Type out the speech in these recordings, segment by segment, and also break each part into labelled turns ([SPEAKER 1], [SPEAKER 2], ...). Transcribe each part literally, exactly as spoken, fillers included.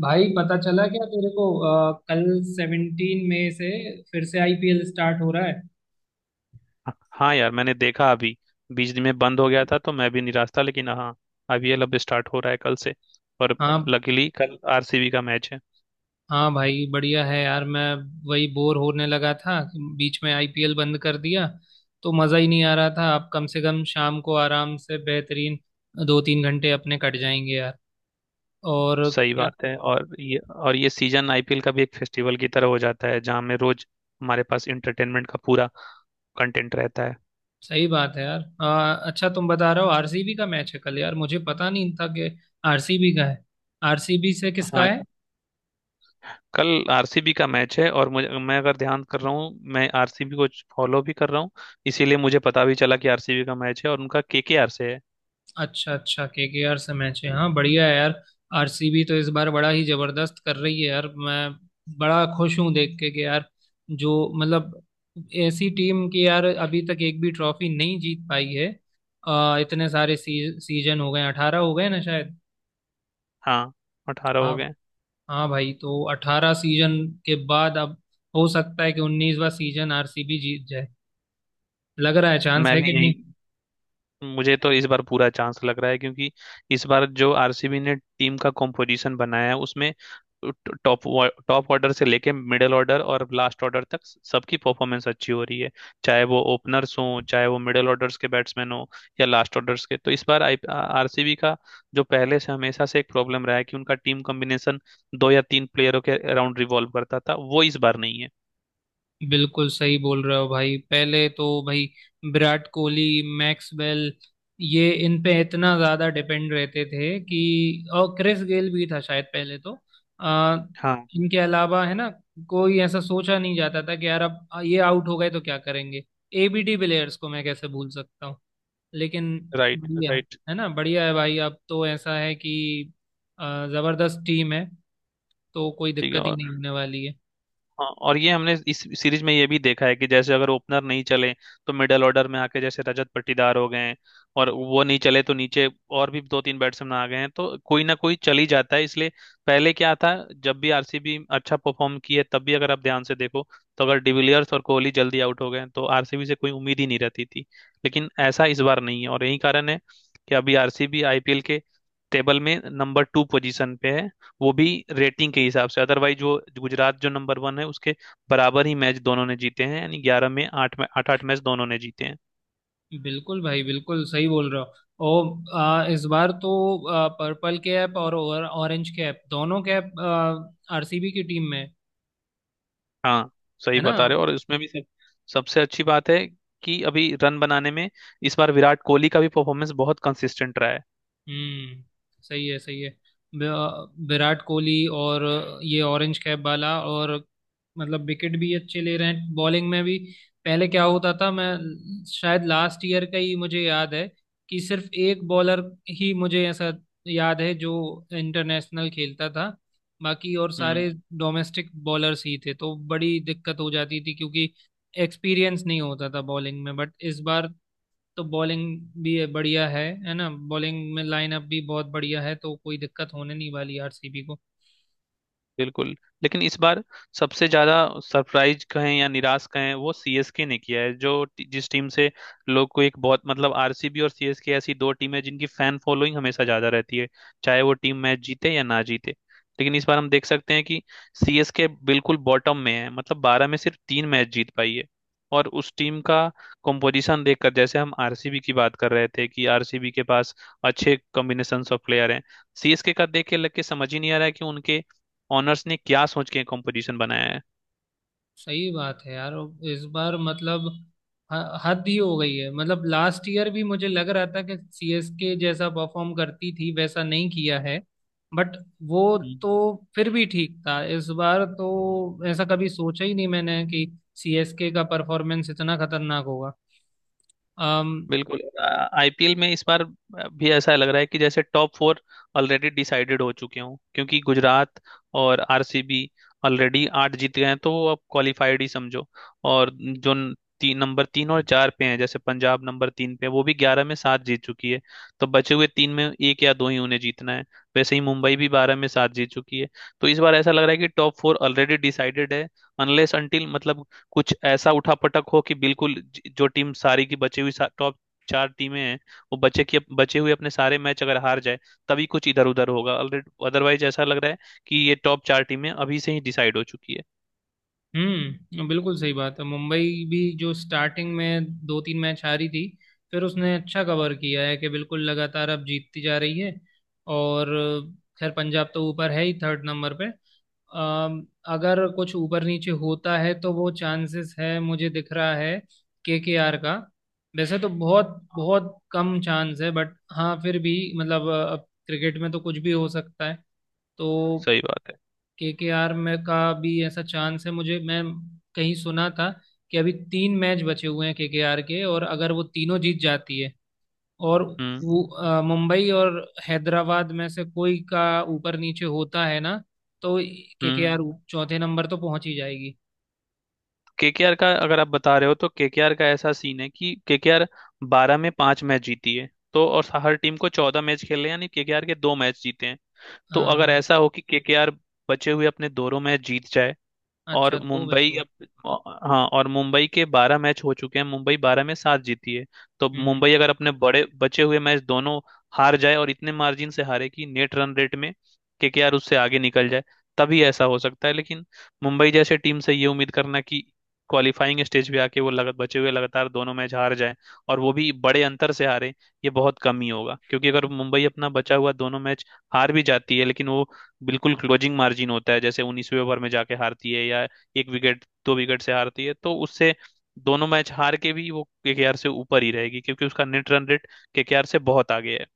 [SPEAKER 1] भाई, पता चला क्या तेरे को अ, कल सेवनटीन मई से फिर से आईपीएल स्टार्ट हो रहा है।
[SPEAKER 2] हाँ यार, मैंने देखा। अभी बीच दिन में बंद हो गया था तो मैं भी निराश था, लेकिन हाँ, अब ये लब स्टार्ट हो रहा है कल से। और
[SPEAKER 1] हाँ,
[SPEAKER 2] लकीली कल आरसीबी का मैच है।
[SPEAKER 1] हाँ भाई, बढ़िया है यार। मैं वही बोर होने लगा था, बीच में आईपीएल बंद कर दिया तो मज़ा ही नहीं आ रहा था। अब कम से कम शाम को आराम से बेहतरीन दो तीन घंटे अपने कट जाएंगे यार। और।
[SPEAKER 2] सही
[SPEAKER 1] क्या?
[SPEAKER 2] बात है। और ये और ये सीजन आईपीएल का भी एक फेस्टिवल की तरह हो जाता है जहाँ में रोज हमारे पास इंटरटेनमेंट का पूरा कंटेंट रहता है।
[SPEAKER 1] सही बात है यार, अ, अच्छा, तुम बता रहे हो आरसीबी का मैच है कल। यार, मुझे पता नहीं था कि आरसीबी का है। आरसीबी से किसका
[SPEAKER 2] हाँ,
[SPEAKER 1] है?
[SPEAKER 2] कल आरसीबी का मैच है। और मुझे मैं अगर ध्यान कर रहा हूँ, मैं आरसीबी को फॉलो भी कर रहा हूँ। इसीलिए मुझे पता भी चला कि आरसीबी का मैच है, और उनका केकेआर से है।
[SPEAKER 1] अच्छा, अच्छा, केकेआर से मैच है। हाँ, बढ़िया है यार। आरसीबी तो इस बार बड़ा ही जबरदस्त कर रही है यार। मैं बड़ा खुश हूँ देख के कि यार, जो मतलब ऐसी टीम की यार अभी तक एक भी ट्रॉफी नहीं जीत पाई है। अ, इतने सारे सी, सीजन हो गए, अठारह हो गए ना शायद।
[SPEAKER 2] हाँ, अठारह हो
[SPEAKER 1] हाँ।
[SPEAKER 2] गए।
[SPEAKER 1] हाँ भाई, तो अठारह सीजन के बाद अब हो सकता है कि उन्नीसवा सीजन आरसीबी जीत जाए। लग रहा है, चांस
[SPEAKER 2] मैं
[SPEAKER 1] है
[SPEAKER 2] भी
[SPEAKER 1] कि नहीं।
[SPEAKER 2] यही मुझे तो इस बार पूरा चांस लग रहा है, क्योंकि इस बार जो आरसीबी ने टीम का कॉम्पोजिशन बनाया है उसमें टॉप टॉप ऑर्डर से लेके मिडिल ऑर्डर और लास्ट ऑर्डर तक सबकी परफॉर्मेंस अच्छी हो रही है। चाहे वो ओपनर्स हों, चाहे वो मिडिल ऑर्डर्स के बैट्समैन हों या लास्ट ऑर्डर्स के, तो इस बार आई आरसीबी का जो पहले से हमेशा से एक प्रॉब्लम रहा है कि उनका टीम कॉम्बिनेशन दो या तीन प्लेयरों के अराउंड रिवॉल्व करता था, वो इस बार नहीं है।
[SPEAKER 1] बिल्कुल सही बोल रहे हो भाई। पहले तो भाई विराट कोहली, मैक्सवेल, ये इन पे इतना ज्यादा डिपेंड रहते थे कि। और क्रिस गेल भी था शायद पहले तो। आ,
[SPEAKER 2] हाँ।
[SPEAKER 1] इनके अलावा है ना कोई ऐसा सोचा नहीं जाता था कि यार अब ये आउट हो गए तो क्या करेंगे। एबीडी प्लेयर्स को मैं कैसे भूल सकता हूँ। लेकिन
[SPEAKER 2] राइट,
[SPEAKER 1] बढ़िया,
[SPEAKER 2] राइट।
[SPEAKER 1] है ना, बढ़िया है भाई। अब तो ऐसा है कि आ, जबरदस्त टीम है, तो कोई
[SPEAKER 2] ठीक है।
[SPEAKER 1] दिक्कत ही
[SPEAKER 2] और
[SPEAKER 1] नहीं होने वाली है।
[SPEAKER 2] हाँ, और ये हमने इस सीरीज में ये भी देखा है कि जैसे अगर ओपनर नहीं चले तो मिडल ऑर्डर में आके जैसे रजत पाटीदार हो गए हैं, और वो नहीं चले तो नीचे और भी दो तीन बैट्समैन आ गए हैं, तो कोई ना कोई चल ही जाता है। इसलिए पहले क्या था, जब भी आरसीबी अच्छा परफॉर्म की है तब भी अगर आप ध्यान से देखो तो अगर डिविलियर्स और कोहली जल्दी आउट हो गए तो आरसीबी से कोई उम्मीद ही नहीं रहती थी। लेकिन ऐसा इस बार नहीं है, और यही कारण है कि अभी आरसीबी आईपीएल के टेबल में नंबर टू पोजीशन पे है। वो भी रेटिंग के हिसाब से, अदरवाइज जो गुजरात जो नंबर वन है उसके बराबर ही मैच दोनों ने जीते हैं। यानी ग्यारह में आठ में आठ आठ मैच दोनों ने जीते हैं।
[SPEAKER 1] बिल्कुल भाई, बिल्कुल सही बोल रहे हो। ओ, आ, इस बार तो आ, पर्पल कैप और, और ऑरेंज कैप, दोनों कैप आरसीबी की टीम में।
[SPEAKER 2] हाँ, सही
[SPEAKER 1] है ना।
[SPEAKER 2] बता रहे हो। और इसमें भी सब सबसे अच्छी बात है कि अभी रन बनाने में इस बार विराट कोहली का भी परफॉर्मेंस बहुत कंसिस्टेंट रहा है।
[SPEAKER 1] हम्म, सही है, सही है। वि- विराट कोहली और ये ऑरेंज कैप वाला, और मतलब विकेट भी अच्छे ले रहे हैं बॉलिंग में भी। पहले क्या होता था, मैं शायद लास्ट ईयर का ही मुझे याद है कि सिर्फ एक बॉलर ही मुझे ऐसा याद है जो इंटरनेशनल खेलता था, बाकी और
[SPEAKER 2] हम्म।
[SPEAKER 1] सारे डोमेस्टिक बॉलर्स ही थे तो बड़ी दिक्कत हो जाती थी क्योंकि एक्सपीरियंस नहीं होता था बॉलिंग में। बट इस बार तो बॉलिंग भी है- बढ़िया है। है ना, बॉलिंग में लाइनअप भी बहुत बढ़िया है, तो कोई दिक्कत होने नहीं वाली आरसीबी को।
[SPEAKER 2] बिल्कुल, लेकिन इस बार सबसे ज्यादा सरप्राइज कहें या निराश कहें वो सीएसके ने किया है। जो टी- जिस टीम से लोग को एक बहुत मतलब, आरसीबी और सीएसके ऐसी दो टीमें जिनकी फैन फॉलोइंग हमेशा ज्यादा रहती है, चाहे वो टीम मैच जीते या ना जीते। लेकिन इस बार हम देख सकते हैं कि सीएसके बिल्कुल बॉटम में है। मतलब बारह में सिर्फ तीन मैच जीत पाई है। और उस टीम का कंपोजिशन देखकर, जैसे हम आरसीबी की बात कर रहे थे कि आरसीबी के पास अच्छे कॉम्बिनेशन ऑफ प्लेयर हैं, सीएसके का देख के लग के समझ ही नहीं आ रहा है कि उनके ऑनर्स ने क्या सोच के कंपोजिशन बनाया
[SPEAKER 1] सही बात है यार। और इस बार मतलब ह- हद ही हो गई है। मतलब लास्ट ईयर भी मुझे लग रहा था कि सीएसके जैसा परफॉर्म करती थी वैसा नहीं किया है, बट वो
[SPEAKER 2] है।
[SPEAKER 1] तो फिर भी ठीक था। इस बार तो ऐसा कभी सोचा ही नहीं मैंने कि सीएसके का परफॉर्मेंस इतना खतरनाक होगा।
[SPEAKER 2] बिल्कुल, आईपीएल में इस बार भी ऐसा लग रहा है कि जैसे टॉप फोर ऑलरेडी डिसाइडेड हो चुके हों, क्योंकि गुजरात और आरसीबी ऑलरेडी आठ जीत गए हैं, तो वो अब क्वालिफाइड ही समझो। और जो न- तीन नंबर तीन और चार पे हैं जैसे पंजाब नंबर तीन पे है, वो भी ग्यारह में सात जीत चुकी है। तो बचे हुए तीन में एक या दो ही उन्हें जीतना है। वैसे ही मुंबई भी बारह में सात जीत चुकी है। तो इस बार ऐसा लग रहा है कि टॉप फोर ऑलरेडी डिसाइडेड है। अनलेस अनटिल मतलब कुछ ऐसा उठा पटक हो कि बिल्कुल ज- जो टीम सारी की बची हुई टॉप चार टीमें हैं, वो बचे की बचे हुए अपने सारे मैच अगर हार जाए, तभी कुछ इधर उधर होगा ऑलरेडी। अदरवाइज ऐसा लग रहा है कि ये टॉप चार टीमें अभी से ही डिसाइड हो चुकी है।
[SPEAKER 1] हम्म, बिल्कुल सही बात है। मुंबई भी जो स्टार्टिंग में दो तीन मैच हारी थी, फिर उसने अच्छा कवर किया है कि बिल्कुल लगातार अब जीतती जा रही है। और खैर, पंजाब तो ऊपर है ही, थर्ड नंबर पे। अम, अगर कुछ ऊपर नीचे होता है तो वो चांसेस है मुझे दिख रहा है केकेआर का। वैसे तो बहुत बहुत कम चांस है, बट हाँ, फिर भी मतलब अ, अब क्रिकेट में तो कुछ भी हो सकता है, तो
[SPEAKER 2] सही बात है।
[SPEAKER 1] केकेआर में का भी ऐसा चांस है मुझे। मैं कहीं सुना था कि अभी तीन मैच बचे हुए हैं केकेआर के। आर के, और अगर वो तीनों जीत जाती है और
[SPEAKER 2] हम्म,
[SPEAKER 1] वो अ, मुंबई और हैदराबाद में से कोई का ऊपर नीचे होता है ना, तो
[SPEAKER 2] हम्म।
[SPEAKER 1] केकेआर चौथे नंबर तो पहुंच ही जाएगी।
[SPEAKER 2] केकेआर का अगर आप बता रहे हो तो केकेआर का ऐसा सीन है कि केकेआर बारह में पांच मैच जीती है, तो और हर टीम को चौदह मैच खेले, यानी केकेआर के दो मैच जीते हैं। तो
[SPEAKER 1] हाँ,
[SPEAKER 2] अगर
[SPEAKER 1] हाँ।
[SPEAKER 2] ऐसा हो कि केकेआर बचे हुए अपने दोनों मैच जीत जाए
[SPEAKER 1] अच्छा,
[SPEAKER 2] और
[SPEAKER 1] दो बचे
[SPEAKER 2] मुंबई
[SPEAKER 1] हुए।
[SPEAKER 2] अब हाँ, और मुंबई के बारह मैच हो चुके हैं, मुंबई बारह में सात जीती है। तो
[SPEAKER 1] हम्म, हम्म।
[SPEAKER 2] मुंबई अगर अपने बड़े बचे हुए मैच दोनों हार जाए और इतने मार्जिन से हारे कि नेट रन रेट में केकेआर उससे आगे निकल जाए, तभी ऐसा हो सकता है। लेकिन मुंबई जैसे टीम से ये उम्मीद करना कि क्वालिफाइंग स्टेज पे आके वो लग, बचे हुए लगातार दोनों मैच हार जाए और वो भी बड़े अंतर से हारे, ये बहुत कम ही होगा। क्योंकि अगर मुंबई अपना बचा हुआ दोनों मैच हार भी जाती है लेकिन वो बिल्कुल क्लोजिंग मार्जिन होता है, जैसे 19वें ओवर में जाके हारती है या एक विकेट दो विकेट से हारती है, तो उससे दोनों मैच हार के भी वो केकेआर से ऊपर ही रहेगी, क्योंकि उसका नेट रन रेट केकेआर से बहुत आगे है।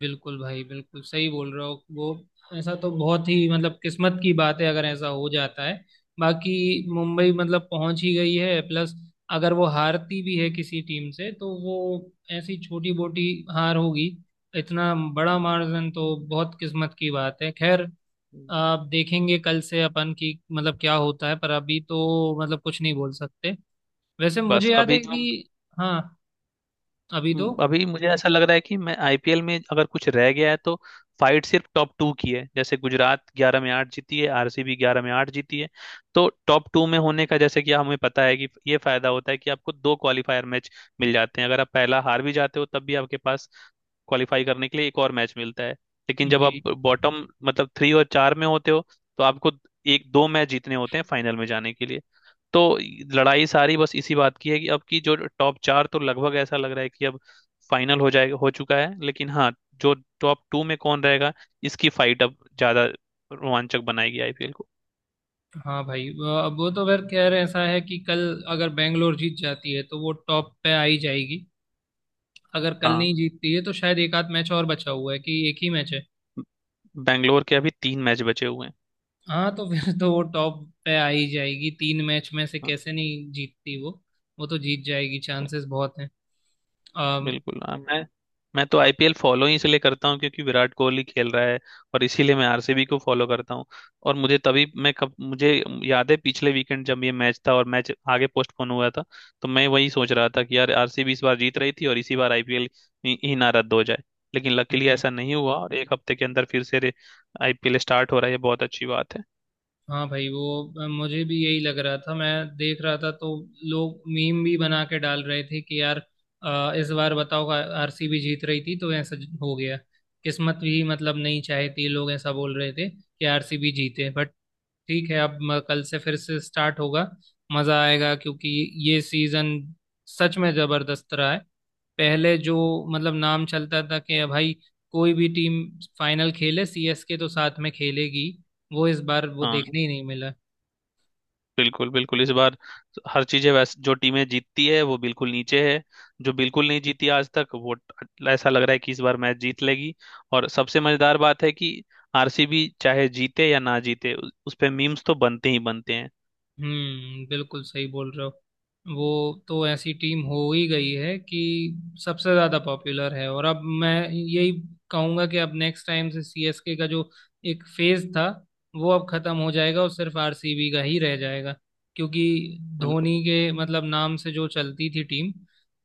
[SPEAKER 1] बिल्कुल भाई, बिल्कुल सही बोल रहे हो। वो ऐसा तो बहुत ही मतलब किस्मत की बात है, अगर ऐसा हो जाता है। बाकी मुंबई मतलब पहुंच ही गई है। प्लस अगर वो हारती भी है किसी टीम से तो वो ऐसी छोटी मोटी हार होगी, इतना बड़ा मार्जिन तो बहुत किस्मत की बात है। खैर, आप देखेंगे कल से अपन की मतलब क्या होता है, पर अभी तो मतलब कुछ नहीं बोल सकते। वैसे मुझे
[SPEAKER 2] बस
[SPEAKER 1] याद
[SPEAKER 2] अभी
[SPEAKER 1] है
[SPEAKER 2] जो
[SPEAKER 1] कि, हाँ, अभी तो,
[SPEAKER 2] हम्म, अभी मुझे ऐसा लग रहा है कि मैं आईपीएल में अगर कुछ रह गया है तो फाइट सिर्फ टॉप टू की है। जैसे गुजरात ग्यारह में आठ जीती है, आरसीबी ग्यारह में आठ जीती है। तो टॉप टू में होने का, जैसे कि हमें पता है कि ये फायदा होता है कि आपको दो क्वालिफायर मैच मिल जाते हैं। अगर आप पहला हार भी जाते हो तब भी आपके पास क्वालिफाई करने के लिए एक और मैच मिलता है। लेकिन जब
[SPEAKER 1] जी।
[SPEAKER 2] आप बॉटम मतलब थ्री और चार में होते हो तो आपको एक दो मैच जीतने होते हैं फाइनल में जाने के लिए। तो लड़ाई सारी बस इसी बात की है कि अब की जो टॉप चार, तो लगभग ऐसा लग रहा है कि अब फाइनल हो जाएगा, हो चुका है। लेकिन हाँ, जो टॉप टू में कौन रहेगा, इसकी फाइट अब ज्यादा रोमांचक बनाएगी आईपीएल को।
[SPEAKER 1] हाँ भाई, वो- अब वो तो फिर खैर ऐसा है कि कल अगर बैंगलोर जीत जाती है तो वो टॉप पे आ ही जाएगी। अगर कल
[SPEAKER 2] हाँ,
[SPEAKER 1] नहीं जीतती है तो शायद एक आध मैच और बचा हुआ है, कि एक ही मैच है।
[SPEAKER 2] बैंगलोर के अभी तीन मैच बचे हुए हैं।
[SPEAKER 1] हाँ, तो फिर तो वो टॉप पे आ ही जाएगी, तीन मैच में से
[SPEAKER 2] हाँ,
[SPEAKER 1] कैसे नहीं जीतती वो। वो तो जीत जाएगी, चांसेस बहुत हैं। अम,
[SPEAKER 2] बिल्कुल। हाँ, मैं मैं तो
[SPEAKER 1] हाँ,
[SPEAKER 2] आईपीएल फॉलो ही इसलिए करता हूँ क्योंकि विराट कोहली खेल रहा है, और इसीलिए मैं आरसीबी को फॉलो करता हूँ। और मुझे तभी मैं कब मुझे याद है, पिछले वीकेंड जब ये मैच था और मैच आगे पोस्टपोन हुआ था, तो मैं वही सोच रहा था कि यार आरसीबी इस बार जीत रही थी और इसी बार आईपीएल ही ही ना रद्द हो जाए। लेकिन
[SPEAKER 1] हम्म,
[SPEAKER 2] लकीली
[SPEAKER 1] हम्म।
[SPEAKER 2] ऐसा नहीं हुआ और एक हफ्ते के अंदर फिर से आईपीएल स्टार्ट हो रहा है, ये बहुत अच्छी बात है।
[SPEAKER 1] हाँ भाई, वो मुझे भी यही लग रहा था। मैं देख रहा था तो लोग मीम भी बना के डाल रहे थे कि यार, अ, इस बार बताओ, आरसीबी जीत रही थी तो ऐसा हो गया। किस्मत भी मतलब नहीं चाहती, लोग ऐसा बोल रहे थे कि आरसीबी जीते। बट ठीक है, अब म- कल से फिर से स्टार्ट होगा। मज़ा आएगा क्योंकि ये सीज़न सच में ज़बरदस्त रहा है। पहले जो मतलब नाम चलता था कि भाई कोई भी टीम फाइनल खेले, सीएसके तो साथ में खेलेगी, वो इस बार वो
[SPEAKER 2] हाँ,
[SPEAKER 1] देखने ही नहीं मिला।
[SPEAKER 2] बिल्कुल बिल्कुल। इस बार हर चीजें, वैसे जो टीमें जीतती है वो बिल्कुल नीचे है, जो बिल्कुल नहीं जीती आज तक वो ट- ऐसा लग रहा है कि इस बार मैच जीत लेगी। और सबसे मजेदार बात है कि आरसीबी चाहे जीते या ना जीते उ- उस पे मीम्स तो बनते ही बनते हैं।
[SPEAKER 1] हम्म, बिल्कुल सही बोल रहे हो। वो तो ऐसी टीम हो ही गई है कि सबसे ज्यादा पॉपुलर है। और अब मैं यही कहूंगा कि अब नेक्स्ट टाइम से सीएसके का जो एक फेज था वो अब खत्म हो जाएगा और सिर्फ आरसीबी का ही रह जाएगा। क्योंकि
[SPEAKER 2] बिल्कुल,
[SPEAKER 1] धोनी के मतलब नाम से जो चलती थी टीम,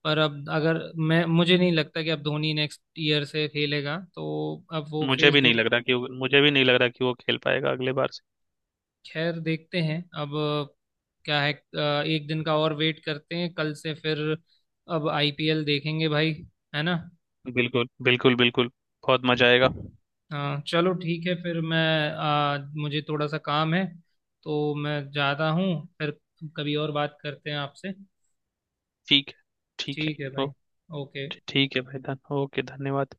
[SPEAKER 1] पर अब अगर मैं मुझे नहीं लगता कि अब धोनी नेक्स्ट ईयर से खेलेगा, तो अब वो
[SPEAKER 2] मुझे
[SPEAKER 1] फेज
[SPEAKER 2] भी नहीं
[SPEAKER 1] जो।
[SPEAKER 2] लग रहा कि वो- मुझे भी नहीं लग रहा कि वो खेल पाएगा अगले बार से।
[SPEAKER 1] खैर, देखते हैं अब। अ, क्या है, अ, एक दिन का और वेट करते हैं, कल से फिर अब आईपीएल देखेंगे भाई। है ना।
[SPEAKER 2] बिल्कुल, बिल्कुल, बिल्कुल। बहुत मजा आएगा।
[SPEAKER 1] हाँ, चलो, ठीक है फिर। मैं अ, मुझे थोड़ा सा काम है, तो मैं जाता हूँ फिर। कभी और बात करते हैं आपसे।
[SPEAKER 2] ठीक है। ठीक है।
[SPEAKER 1] ठीक है
[SPEAKER 2] ओ।
[SPEAKER 1] भाई। ओके।
[SPEAKER 2] ठीक है भाई। धन ओके, धन्यवाद।